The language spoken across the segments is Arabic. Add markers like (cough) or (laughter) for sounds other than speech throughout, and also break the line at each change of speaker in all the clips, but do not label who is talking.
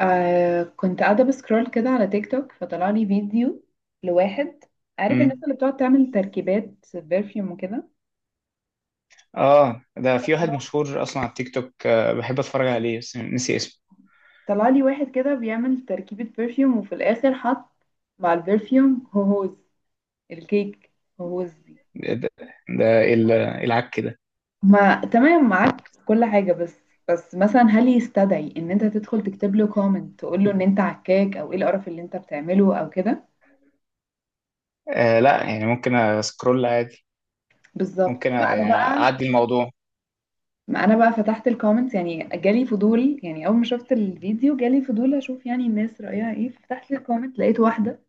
آه كنت قاعدة بسكرول كده على تيك توك فطلع لي فيديو لواحد. عارف الناس
امم
اللي بتقعد تعمل تركيبات برفيوم وكده؟
اه، ده في واحد مشهور اصلا على التيك توك، بحب اتفرج عليه بس نسي اسمه.
طلع لي واحد كده بيعمل تركيبة برفيوم وفي الآخر حط مع البرفيوم هوهوز الكيك، هوهوز دي.
ده, ده ده، العك ده.
ما تمام معاك في كل حاجة، بس مثلا هل يستدعي ان انت تدخل تكتب له كومنت تقول له ان انت عكاك، او ايه القرف اللي انت بتعمله او كده؟
آه، لا يعني ممكن اسكرول عادي.
بالظبط،
ممكن
ما انا
يعني
بقى
اعدي الموضوع.
ما انا بقى فتحت الكومنتس، يعني جالي فضول، يعني اول ما شفت الفيديو جالي فضول اشوف يعني الناس رأيها ايه. فتحت الكومنت لقيت واحدة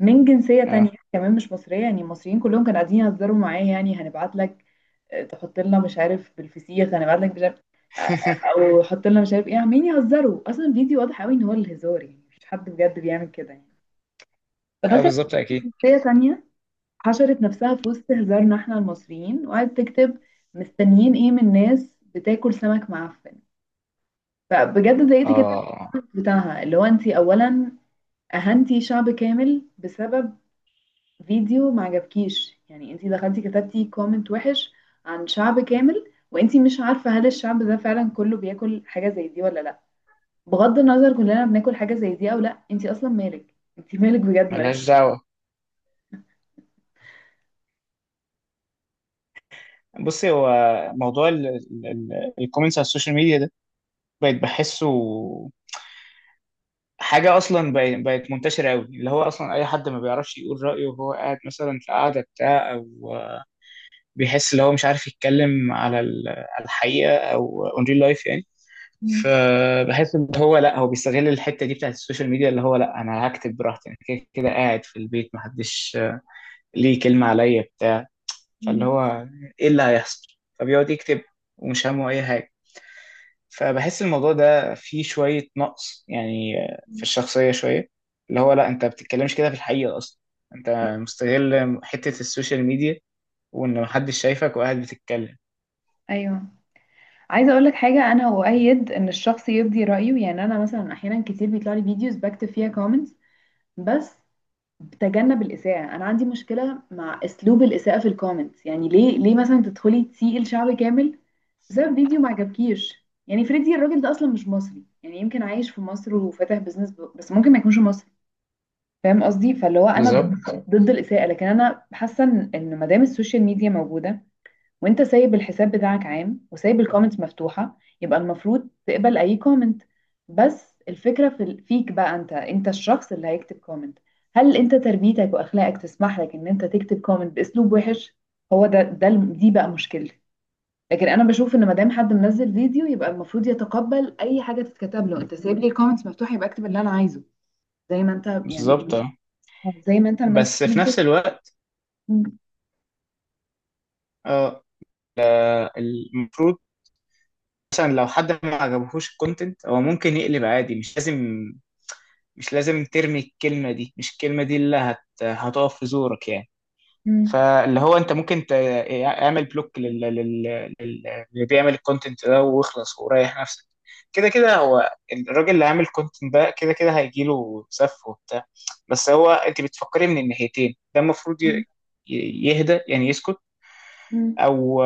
من جنسية تانية
اه.
كمان، مش مصرية. يعني المصريين كلهم كانوا قاعدين يهزروا معايا، يعني هنبعت لك آه، تحط لنا مش عارف بالفسيخ، هنبعت لك مش عارف، آه، آه،
(laughs)
او حط لنا مش عارف ايه. عمالين يهزروا اصلا، الفيديو واضح قوي ان هو الهزار، يعني مش حد بجد بيعمل كده يعني. فده
آه،
كان
بالظبط اكيد.
جنسية تانية، حشرت نفسها في وسط هزارنا احنا المصريين وقعدت تكتب: مستنيين ايه من ناس بتاكل سمك معفن. فبجد اتضايقت جدا من
اه،
الكومنت بتاعها اللي هو انت اولا اهنتي شعب كامل بسبب فيديو ما عجبكيش. يعني انت دخلتي كتبتي كومنت وحش عن شعب كامل وانت مش عارفه هل الشعب ده فعلا كله بياكل حاجه زي دي ولا لا. بغض النظر كلنا بناكل حاجه زي دي او لا، انت اصلا مالك، انت مالك، بجد مالك.
ملهاش دعوة. بصي، هو موضوع الكومنتس على السوشيال ميديا ده بقيت بحسه حاجة. أصلا بقت منتشرة أوي، اللي هو أصلا أي حد ما بيعرفش يقول رأيه وهو قاعد مثلا في قعدة بتاع، أو بيحس اللي هو مش عارف يتكلم على على الحقيقه، او اون ريل لايف يعني.
(laughs) مم.
فبحس ان هو، لا، هو بيستغل الحته دي بتاعت السوشيال ميديا، اللي هو لا انا هكتب براحتي. انا كده كده قاعد في البيت، محدش ليه كلمه عليا بتاع. فاللي
مم.
هو ايه اللي هيحصل؟ فبيقعد يكتب ومش همه اي حاجه. فبحس الموضوع ده فيه شويه نقص يعني، في
مم.
الشخصيه شويه، اللي هو لا، انت بتتكلمش كده في الحقيقه اصلا. انت مستغل حته السوشيال ميديا وان محدش شايفك، وقاعد بتتكلم.
ايوه، عايزه اقول لك حاجه. انا اؤيد ان الشخص يبدي رايه، يعني انا مثلا احيانا كتير بيطلع لي فيديوز بكتب فيها كومنتس، بس تجنب الإساءة. أنا عندي مشكلة مع أسلوب الإساءة في الكومنتس. يعني ليه مثلا تدخلي تسيئي لشعب كامل بسبب فيديو ما عجبكيش؟ يعني فريدي الراجل ده أصلا مش مصري، يعني يمكن عايش في مصر وفاتح بزنس، بس ممكن ما يكونش مصري. فاهم قصدي؟ فاللي هو أنا ضد
بالظبط،
ضد الإساءة. لكن أنا حاسة إن ما دام السوشيال ميديا موجودة وانت سايب الحساب بتاعك عام وسايب الكومنتس مفتوحة، يبقى المفروض تقبل اي كومنت. بس الفكرة فيك بقى انت الشخص اللي هيكتب كومنت. هل انت تربيتك واخلاقك تسمح لك ان انت تكتب كومنت باسلوب وحش؟ هو ده ده الم- دي بقى مشكلتي. لكن انا بشوف ان ما دام حد منزل فيديو يبقى المفروض يتقبل اي حاجة تتكتب له. انت سايب لي الكومنتس مفتوحة يبقى اكتب اللي انا عايزه، زي ما انت يعني،
بالظبط، اه.
زي ما انت منزل
بس في نفس
فيديو.
الوقت،
م-
اه المفروض مثلا لو حد ما عجبهوش الكونتنت، هو ممكن يقلب عادي. مش لازم، مش لازم ترمي الكلمة دي. مش الكلمة دي اللي هتقف في زورك يعني.
م-
فاللي هو انت ممكن اعمل بلوك لل... اللي بيعمل الكونتنت ده، واخلص وريح نفسك. كده كده هو الراجل اللي عامل كونتنت ده كده كده هيجيله سف وبتاع. بس هو انت بتفكري من الناحيتين. ده المفروض
م-
يهدى، يعني يسكت،
م-
او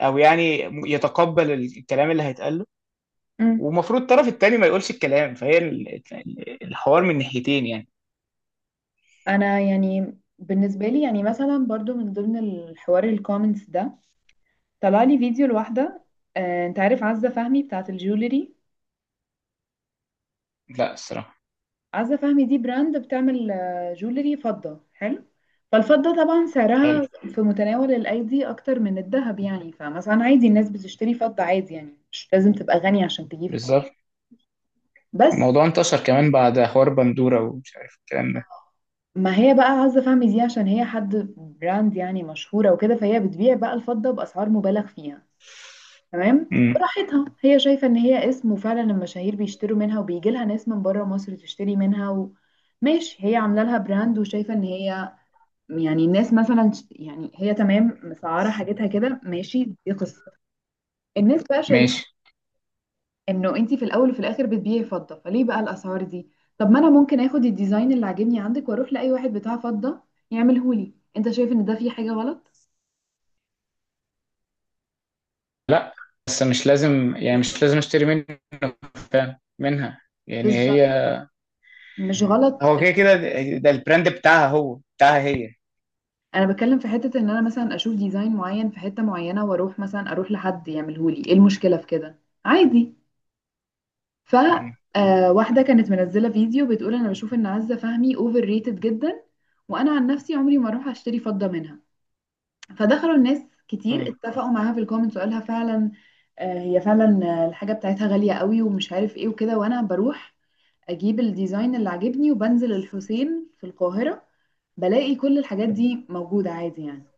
او يعني يتقبل الكلام اللي هيتقال له.
م-
ومفروض الطرف التاني ما يقولش الكلام، فهي الحوار من ناحيتين يعني.
انا يعني بالنسبه لي، يعني مثلا برضو من ضمن الحوار الكومنتس ده، طلع لي فيديو لواحده. آه، انت عارف عزه فهمي بتاعه الجولري؟
لا الصراحة.
عزه فهمي دي براند بتعمل جولري فضه حلو. فالفضه طبعا
حلو.
سعرها في متناول الايدي اكتر من الذهب يعني. فمثلا عادي الناس بتشتري فضه عادي، يعني مش لازم تبقى غني عشان تجيب فضه.
بالظبط،
بس
الموضوع انتشر كمان بعد حوار بندورة ومش عارف الكلام ده.
ما هي بقى عزه فهمي دي، عشان هي حد براند يعني مشهوره وكده، فهي بتبيع بقى الفضه باسعار مبالغ فيها. تمام،
امم.
براحتها هي شايفة ان هي اسم، وفعلا المشاهير بيشتروا منها وبيجي لها ناس من بره مصر تشتري منها. ماشي، هي عاملة لها براند وشايفة ان هي، يعني الناس مثلا يعني هي تمام مسعرة حاجتها كده، ماشي، دي قصة. الناس بقى شايفة
ماشي.
انه انتي في الاول وفي الاخر بتبيعي فضة، فليه بقى الاسعار دي؟ طب ما انا ممكن اخد الديزاين اللي عاجبني عندك واروح لاي واحد بتاع فضة يعملهولي. انت شايف ان ده فيه حاجة غلط؟
لا، بس مش لازم يعني
بالظبط،
مش لازم اشتري منه. فعلا منها. يعني
بالظبط،
هي،
مش غلط.
هو كده كده ده البراند بتاعها، هو بتاعها هي.
انا بتكلم في حتة ان انا مثلا اشوف ديزاين معين في حتة معينة، واروح مثلا اروح لحد يعملهولي. ايه المشكلة في كده؟ عادي. ف
امم.
آه، واحدة كانت منزلة فيديو بتقول انا بشوف ان عزة فهمي اوفر ريتد جدا، وانا عن نفسي عمري ما اروح اشتري فضة منها. فدخلوا الناس كتير
امم.
اتفقوا معاها في الكومنتس، وقالها فعلا آه، هي فعلا الحاجة بتاعتها غالية قوي ومش عارف ايه وكده، وانا بروح اجيب الديزاين اللي عاجبني وبنزل الحسين في القاهرة بلاقي كل الحاجات دي موجودة عادي يعني.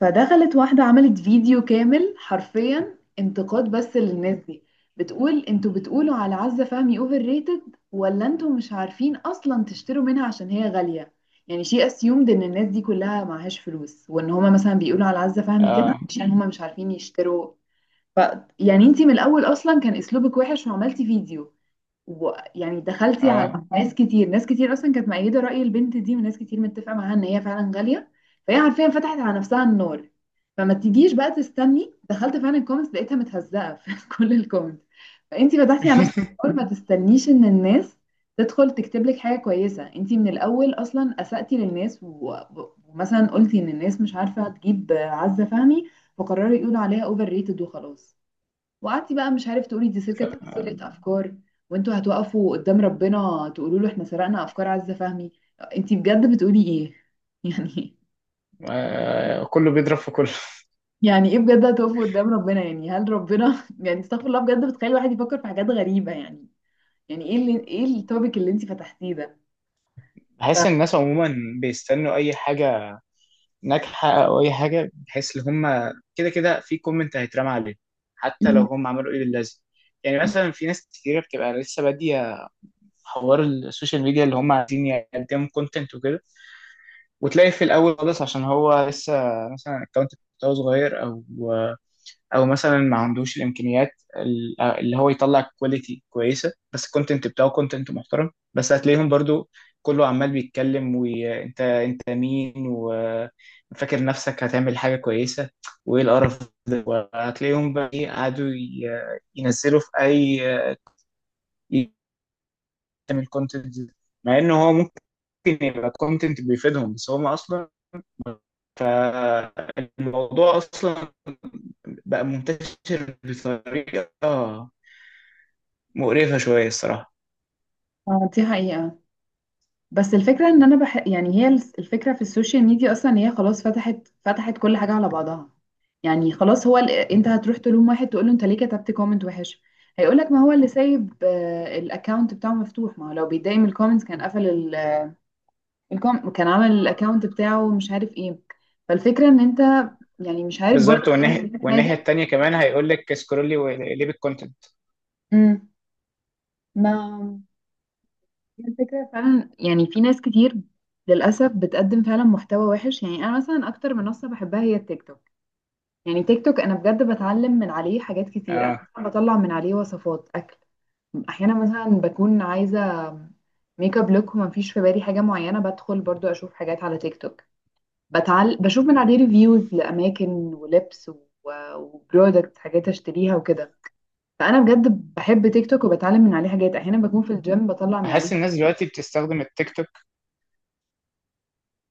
فدخلت واحدة عملت فيديو كامل حرفيا انتقاد بس للناس دي، بتقول انتوا بتقولوا على عزة فهمي اوفر ريتد، ولا انتوا مش عارفين اصلا تشتروا منها عشان هي غالية. يعني شيء اسيومد ان الناس دي كلها معهاش فلوس، وان هما مثلا بيقولوا على عزة فهمي كده
اه.
عشان هما مش عارفين يشتروا. ف يعني انتي من الاول اصلا كان اسلوبك وحش وعملتي فيديو، ويعني دخلتي
اه.
على ناس كتير، ناس كتير اصلا كانت مؤيده راي البنت دي وناس كتير متفقه معاها ان هي فعلا غاليه. فهي حرفيا فتحت على نفسها النار. فما تجيش بقى تستني، دخلت فعلا الكومنتس لقيتها متهزقه (laughs) في كل الكومنتس. فانتي فتحتي على نفسك النار،
(laughs)
ما تستنيش ان الناس تدخل تكتب لك حاجه كويسه. انتي من الاول اصلا اسأتي للناس، و- و- ومثلا قلتي ان الناس مش عارفه تجيب عزه فهمي، فقرروا يقولوا عليها اوفر ريتد وخلاص. وقعدتي بقى مش عارف تقولي دي سرقة، سرقة أفكار. وانتوا هتوقفوا قدام ربنا تقولوا له احنا سرقنا أفكار عزة فهمي. انتي بجد بتقولي ايه؟ (laughs) يعني،
آه، كله بيضرب في كله.
يعني ايه بجد، هتقفوا قدام ربنا؟ يعني هل ربنا (laughs) يعني استغفر الله، بجد بتخلي الواحد يفكر في حاجات غريبة يعني. يعني ايه التوبيك اللي انتي فتحتيه ده؟ ف...
بحس ان الناس عموما بيستنوا اي حاجه ناجحه او اي حاجه، بحيث ان هم كده كده في كومنت هيترمى عليه حتى لو
مم.
هم عملوا ايه للازم. يعني مثلا في ناس كتيره بتبقى لسه باديه حوار السوشيال ميديا، اللي هم عايزين يقدموا كونتنت وكده، وتلاقي في الاول خالص عشان هو لسه، مثلا الاكونت بتاعه صغير، او مثلا ما عندوش الامكانيات اللي هو يطلع كواليتي كويسه، بس الكونتنت بتاعه كونتنت محترم. بس هتلاقيهم برضو كله عمال بيتكلم، وانت انت مين وفاكر نفسك هتعمل حاجه كويسه وايه القرف ده. وهتلاقيهم بقى إيه قعدوا ينزلوا في اي، يعمل كونتنت، مع ان هو ممكن يبقى كونتنت بيفيدهم بس هم اصلا. فالموضوع اصلا بقى منتشر بطريقه مقرفة شوية الصراحة.
آه، دي حقيقة. بس الفكرة ان انا يعني هي الفكرة في السوشيال ميديا اصلا هي خلاص، فتحت كل حاجة على بعضها. يعني خلاص هو انت هتروح تلوم واحد تقول له انت ليه كتبت كومنت وحش؟ هيقولك ما هو اللي سايب الاكونت بتاعه مفتوح، ما هو لو بيتضايق من الكومنتس كان قفل كان عمل الاكونت بتاعه مش عارف ايه. فالفكرة ان انت يعني مش عارف برضه
بالظبط،
تقول له
والناحية
حاجة.
التانية كمان هيقول لك سكرولي وليب الكونتنت.
امم، ما هي الفكرة فعلا، يعني في ناس كتير للأسف بتقدم فعلا محتوى وحش. يعني أنا مثلا أكتر منصة بحبها هي التيك توك. يعني تيك توك انا بجد بتعلم من عليه حاجات كتير. انا
اه،
مثلا بطلع من عليه وصفات اكل، احيانا مثلا بكون عايزه ميك اب لوك وما فيش في بالي حاجه معينه، بدخل برضو اشوف حاجات على تيك توك، بشوف من عليه ريفيوز لاماكن ولبس و... وبرودكت، حاجات اشتريها وكده. فانا بجد بحب تيك توك وبتعلم من عليه حاجات، احيانا بكون في الجيم بطلع من عليه
بحس الناس دلوقتي بتستخدم التيك توك.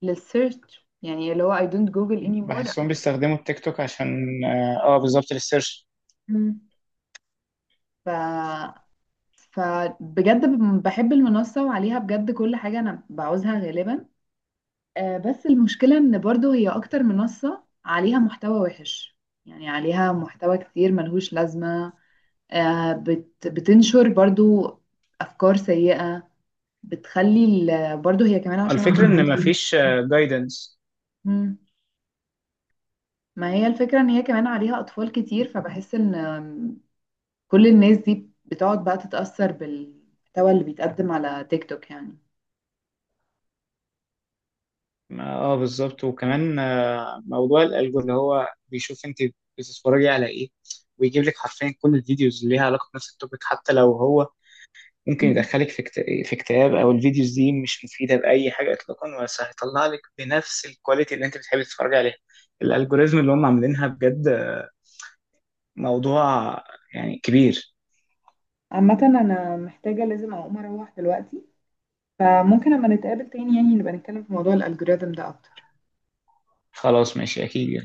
للسيرش يعني، اللي هو I don't Google anymore I
بحسهم
use it.
بيستخدموا التيك توك عشان آه، بالظبط للسيرش.
مم. ف فبجد بحب المنصة وعليها بجد كل حاجة أنا بعوزها غالبا. آه، بس المشكلة إن برضو هي أكتر منصة عليها محتوى وحش. يعني عليها محتوى كتير ملهوش لازمة. آه، بتنشر برضو أفكار سيئة، بتخلي برضو هي كمان عشان
الفكرة ان
(laughs)
مفيش جايدنس.
مم. ما هي الفكرة ان هي كمان عليها اطفال كتير، فبحس ان كل الناس دي بتقعد بقى تتأثر بالمحتوى اللي بيتقدم على تيك توك يعني.
اه، بالظبط، وكمان آه، موضوع الالجو اللي هو بيشوف انت بتتفرجي على ايه، ويجيب لك حرفيا كل الفيديوز اللي ليها علاقة بنفس التوبيك، حتى لو هو ممكن يدخلك في اكتئاب، او الفيديوز دي مش مفيده باي حاجه اطلاقا، بس هيطلع لك بنفس الكواليتي اللي انت بتحبي تتفرجي عليها. الالجوريزم اللي هم عاملينها بجد موضوع يعني كبير.
عامة أنا محتاجة لازم أقوم أروح دلوقتي، فممكن أما نتقابل تاني يعني نبقى نتكلم في موضوع الألجوريزم ده أكتر.
خلاص ماشي اكيد.